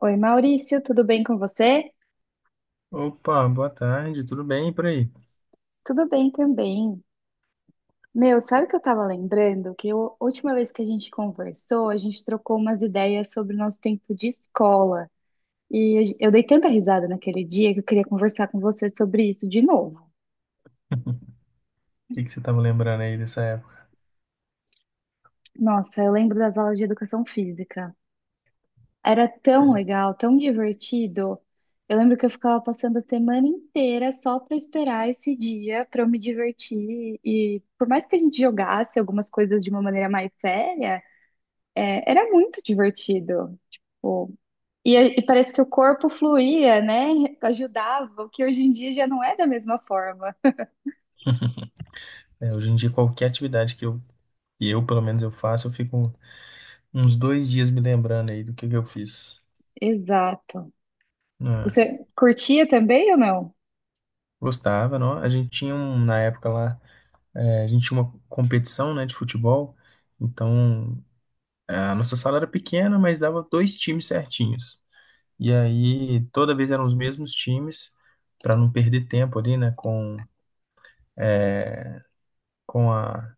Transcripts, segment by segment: Oi, Maurício, tudo bem com você? Opa, boa tarde, tudo bem e por aí? O Tudo bem também. Meu, sabe o que eu tava lembrando? A última vez que a gente conversou, a gente trocou umas ideias sobre o nosso tempo de escola. Eu dei tanta risada naquele dia que eu queria conversar com você sobre isso de novo. que que você estava lembrando aí dessa época? Nossa, eu lembro das aulas de educação física. Era tão legal, tão divertido. Eu lembro que eu ficava passando a semana inteira só para esperar esse dia para eu me divertir. E por mais que a gente jogasse algumas coisas de uma maneira mais séria, era muito divertido. E parece que o corpo fluía, né? Ajudava, o que hoje em dia já não é da mesma forma. É, hoje em dia, qualquer atividade que eu, pelo menos, eu faço, eu fico uns 2 dias me lembrando aí do que eu fiz. Exato. Ah, Você curtia também ou não? gostava, não? A gente tinha, na época lá, a gente tinha uma competição, né, de futebol, então a nossa sala era pequena, mas dava dois times certinhos. E aí, toda vez eram os mesmos times, para não perder tempo ali, né, com a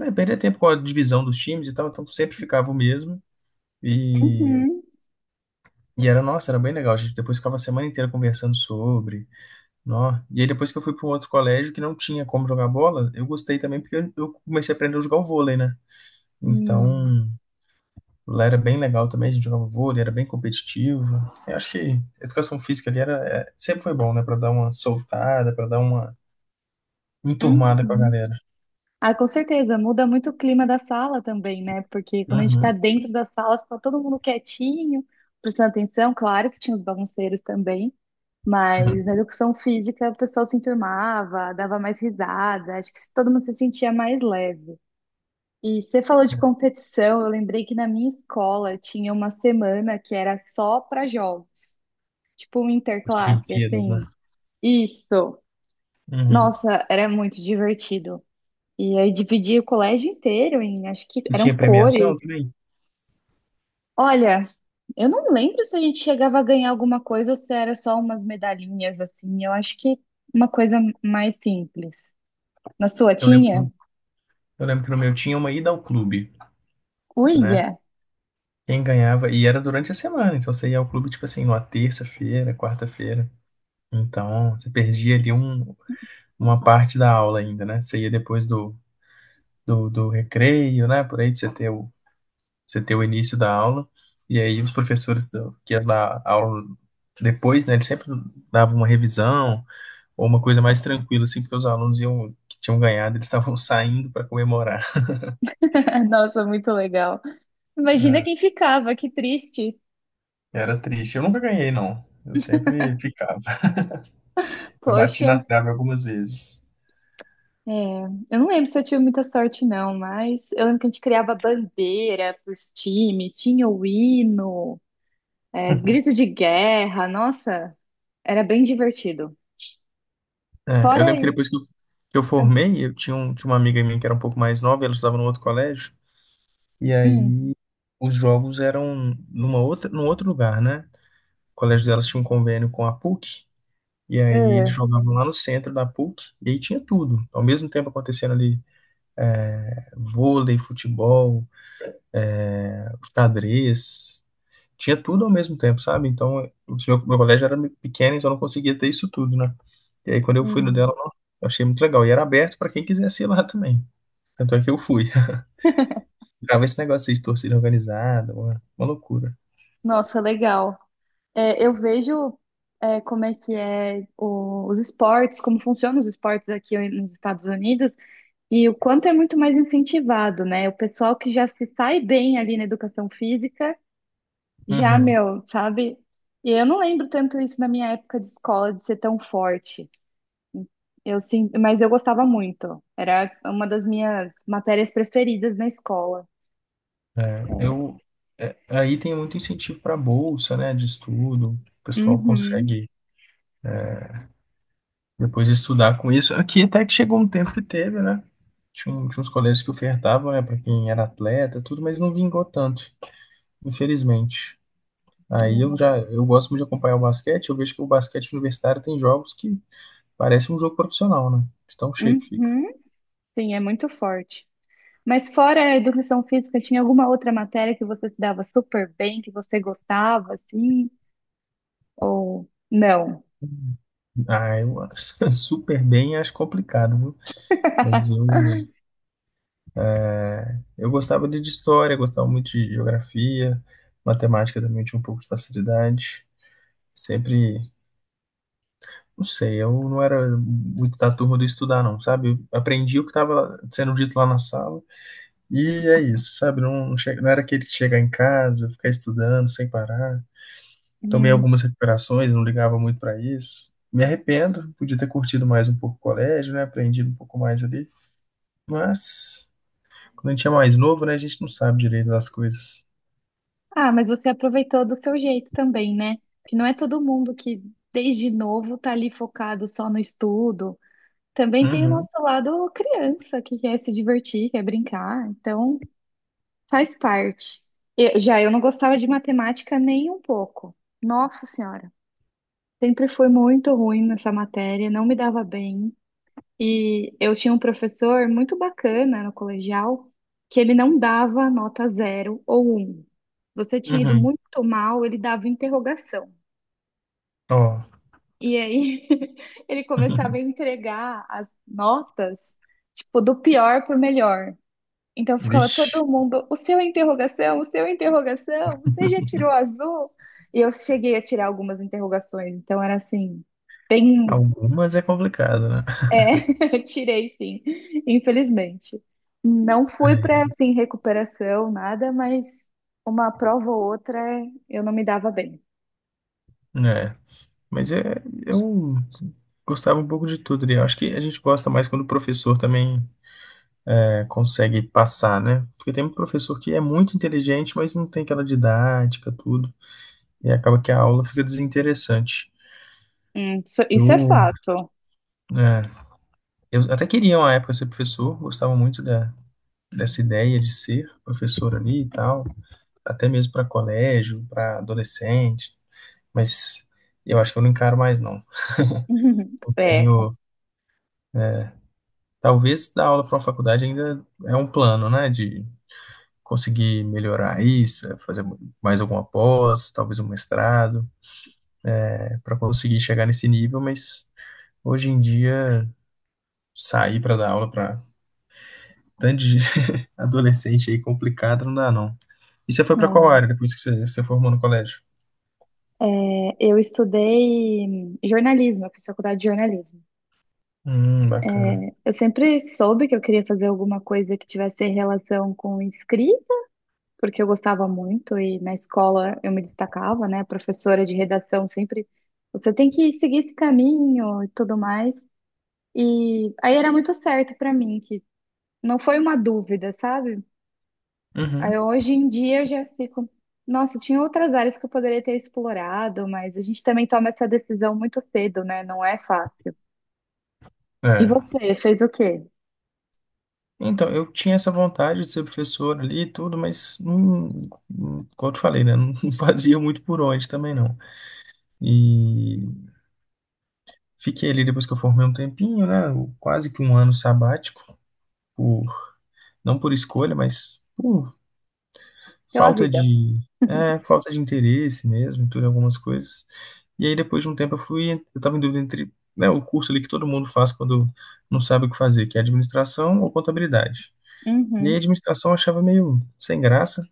É, perder tempo com a divisão dos times e tal, então sempre ficava o mesmo. E, Uhum. e nossa, era bem legal. A gente depois ficava a semana inteira conversando sobre. Nó. E aí depois que eu fui para um outro colégio que não tinha como jogar bola, eu gostei também porque eu comecei a aprender a jogar o vôlei, né? Hum. Então, lá era bem legal também, a gente jogava vôlei, era bem competitivo. Eu acho que a educação física ali sempre foi bom, né? Para dar uma soltada, para dar uma enturmada com a Uhum. galera. Ah, com certeza, muda muito o clima da sala também, né? Porque quando a gente tá Uhum. dentro da sala, fica todo mundo quietinho, prestando atenção. Claro que tinha os bagunceiros também, mas na Uhum. educação física o pessoal se enturmava, dava mais risada, acho que todo mundo se sentia mais leve. E você falou de competição, eu lembrei que na minha escola tinha uma semana que era só para jogos, tipo um As interclasse, Olimpíadas, né? assim. Isso! Uhum. Nossa, era muito divertido. E aí dividia o colégio inteiro em, acho que E eram tinha premiação cores. também? Olha, eu não lembro se a gente chegava a ganhar alguma coisa ou se era só umas medalhinhas assim. Eu acho que uma coisa mais simples. Na sua Eu lembro tinha? Eu lembro que no meu tinha uma ida ao clube, né? Uia! Quem ganhava, e era durante a semana, então você ia ao clube, tipo assim, numa terça-feira, quarta-feira. Então, você perdia ali uma parte da aula ainda, né? Você ia depois do recreio, né? Por aí, pra você você ter o início da aula. E aí, os professores que iam dar aula depois, né? Eles sempre davam uma revisão, ou uma coisa mais tranquila, assim, porque os alunos iam, que tinham ganhado, eles estavam saindo para comemorar. Nossa, muito legal. Imagina Ah, quem ficava, que triste. era triste. Eu nunca ganhei, não. Eu sempre ficava. Eu bati Poxa, na trave algumas vezes. é, eu não lembro se eu tive muita sorte, não, mas eu lembro que a gente criava bandeira pros times, tinha o hino, grito de guerra. Nossa, era bem divertido. É, eu Fora lembro que depois isso. que eu formei, eu tinha uma amiga minha que era um pouco mais nova, ela estudava no outro colégio, e Hum, aí os jogos eram num outro lugar, né? O colégio delas tinha um convênio com a PUC, e aí eles é, jogavam lá no centro da PUC, e aí tinha tudo. Ao mesmo tempo acontecendo ali vôlei, futebol, xadrez. Tinha tudo ao mesmo tempo, sabe? Então, meu colégio era pequeno, então eu não conseguia ter isso tudo, né? E aí, quando eu fui no dela, hum. nossa, eu achei muito legal. E era aberto para quem quisesse ir lá também. Tanto é que eu fui. Ficava esse negócio aí de torcida organizada, uma loucura. Nossa, legal. É, eu vejo como é que é os esportes, como funcionam os esportes aqui nos Estados Unidos e o quanto é muito mais incentivado, né? O pessoal que já se sai bem ali na educação física, já, Uhum. meu, sabe? E eu não lembro tanto isso na minha época de escola, de ser tão forte. Eu sim, mas eu gostava muito. Era uma das minhas matérias preferidas na escola. Eu, Aí tem muito incentivo para bolsa, né, de estudo. O pessoal Uhum. consegue depois estudar com isso. Aqui até que chegou um tempo que teve, né? Tinha uns colégios que ofertavam, né, para quem era atleta, tudo, mas não vingou tanto, infelizmente. Eu gosto muito de acompanhar o basquete, eu vejo que o basquete universitário tem jogos que parece um jogo profissional, né? De tão cheio que fica. Uhum, sim, é muito forte. Mas fora a educação física, tinha alguma outra matéria que você se dava super bem, que você gostava, assim? Ou não? Ah, eu acho super bem, acho complicado, viu? Mas eu, é, eu gostava de história, gostava muito de geografia, matemática também tinha um pouco de facilidade. Sempre, não sei, eu não era muito da turma do estudar, não, sabe? Eu aprendi o que estava sendo dito lá na sala, e é isso, sabe? Não, não, não era aquele de chegar em casa, ficar estudando sem parar. Tomei Hum. algumas recuperações, não ligava muito para isso. Me arrependo, podia ter curtido mais um pouco o colégio, né? Aprendido um pouco mais ali. Mas, quando a gente é mais novo, né? A gente não sabe direito das coisas. Ah, mas você aproveitou do seu jeito também, né? Que não é todo mundo que, desde novo, tá ali focado só no estudo. Também tem o Uhum, nosso lado criança, que quer se divertir, quer brincar. Então, faz parte. Já eu não gostava de matemática nem um pouco. Nossa Senhora. Sempre fui muito ruim nessa matéria, não me dava bem. E eu tinha um professor muito bacana no colegial, que ele não dava nota zero ou um. Você tinha ido uhum. muito mal, ele dava interrogação. Ó, E aí ele começava a entregar as notas, tipo, do pior pro melhor. Então ficava vixe. todo mundo, o seu é interrogação, o seu é interrogação, você já tirou azul? E eu cheguei a tirar algumas interrogações, então era assim, bem. Algumas é complicado, né? É, eu tirei sim, infelizmente. Não fui para Ai, assim recuperação, nada, mas uma prova ou outra eu não me dava bem. é, mas é, eu gostava um pouco de tudo ali. Eu acho que a gente gosta mais quando o professor também consegue passar, né? Porque tem um professor que é muito inteligente, mas não tem aquela didática, tudo. E acaba que a aula fica desinteressante. Isso, isso é Eu, fato. é, eu até queria uma época ser professor, gostava muito dessa ideia de ser professor ali e tal, até mesmo para colégio, para adolescente, mas eu acho que eu não encaro mais não. Eu É, tenho, Talvez dar aula para uma faculdade ainda é um plano, né, de conseguir melhorar fazer mais alguma pós, talvez um para conseguir chegar nesse nível, mas hoje em dia sair para dar aula para tanto de adolescente aí complicado, não dá não. E você foi pra qual área depois que você formou no colégio? Eu estudei jornalismo, eu fiz faculdade de jornalismo. Bacana. Eu sempre soube que eu queria fazer alguma coisa que tivesse relação com escrita. Porque eu gostava muito e na escola eu me destacava, né? A professora de redação sempre, você tem que seguir esse caminho e tudo mais. E aí era muito certo pra mim, que não foi uma dúvida, sabe? Uhum. Aí hoje em dia eu já fico, nossa, tinha outras áreas que eu poderia ter explorado, mas a gente também toma essa decisão muito cedo, né? Não é fácil. E É. você fez o quê? Então, eu tinha essa vontade de ser professor ali e tudo, mas não, como eu te falei, né? Não fazia muito por onde também não. E fiquei ali depois que eu formei um tempinho, né? Quase que um ano sabático, por, não por escolha, mas por Pela falta vida. de, falta de interesse mesmo, tudo em algumas coisas. E aí depois de um tempo eu estava em dúvida entre, né, o curso ali que todo mundo faz quando não sabe o que fazer, que é administração ou contabilidade. E aí a Uhum, administração eu achava meio sem graça,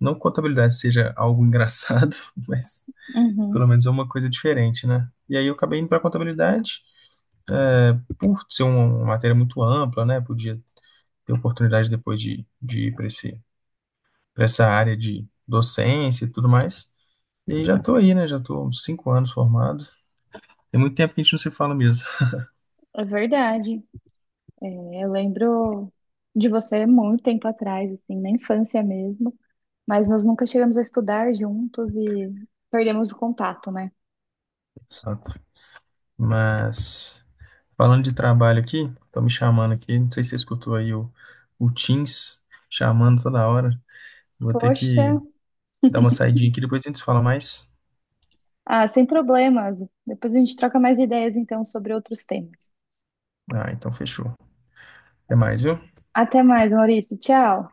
não que contabilidade seja algo engraçado, mas uhum, pelo menos é uma coisa diferente, né? E aí eu acabei indo para contabilidade, por ser uma matéria muito ampla, né, podia ter oportunidade depois de ir para para essa área de docência e tudo mais. E aí já tô aí, né? Já tô uns 5 anos formado. Tem muito tempo que a gente não se fala mesmo. é verdade. É, eu lembro de você muito tempo atrás, assim, na infância mesmo, mas nós nunca chegamos a estudar juntos e perdemos o contato, né? Exato. Mas, falando de trabalho aqui, estão me chamando aqui. Não sei se você escutou aí o Teams chamando toda hora. Vou ter Poxa, que dar uma saidinha aqui, depois a gente se fala mais. ah, sem problemas. Depois a gente troca mais ideias, então, sobre outros temas. Ah, então fechou. Até mais, viu? Até mais, Maurício. Tchau.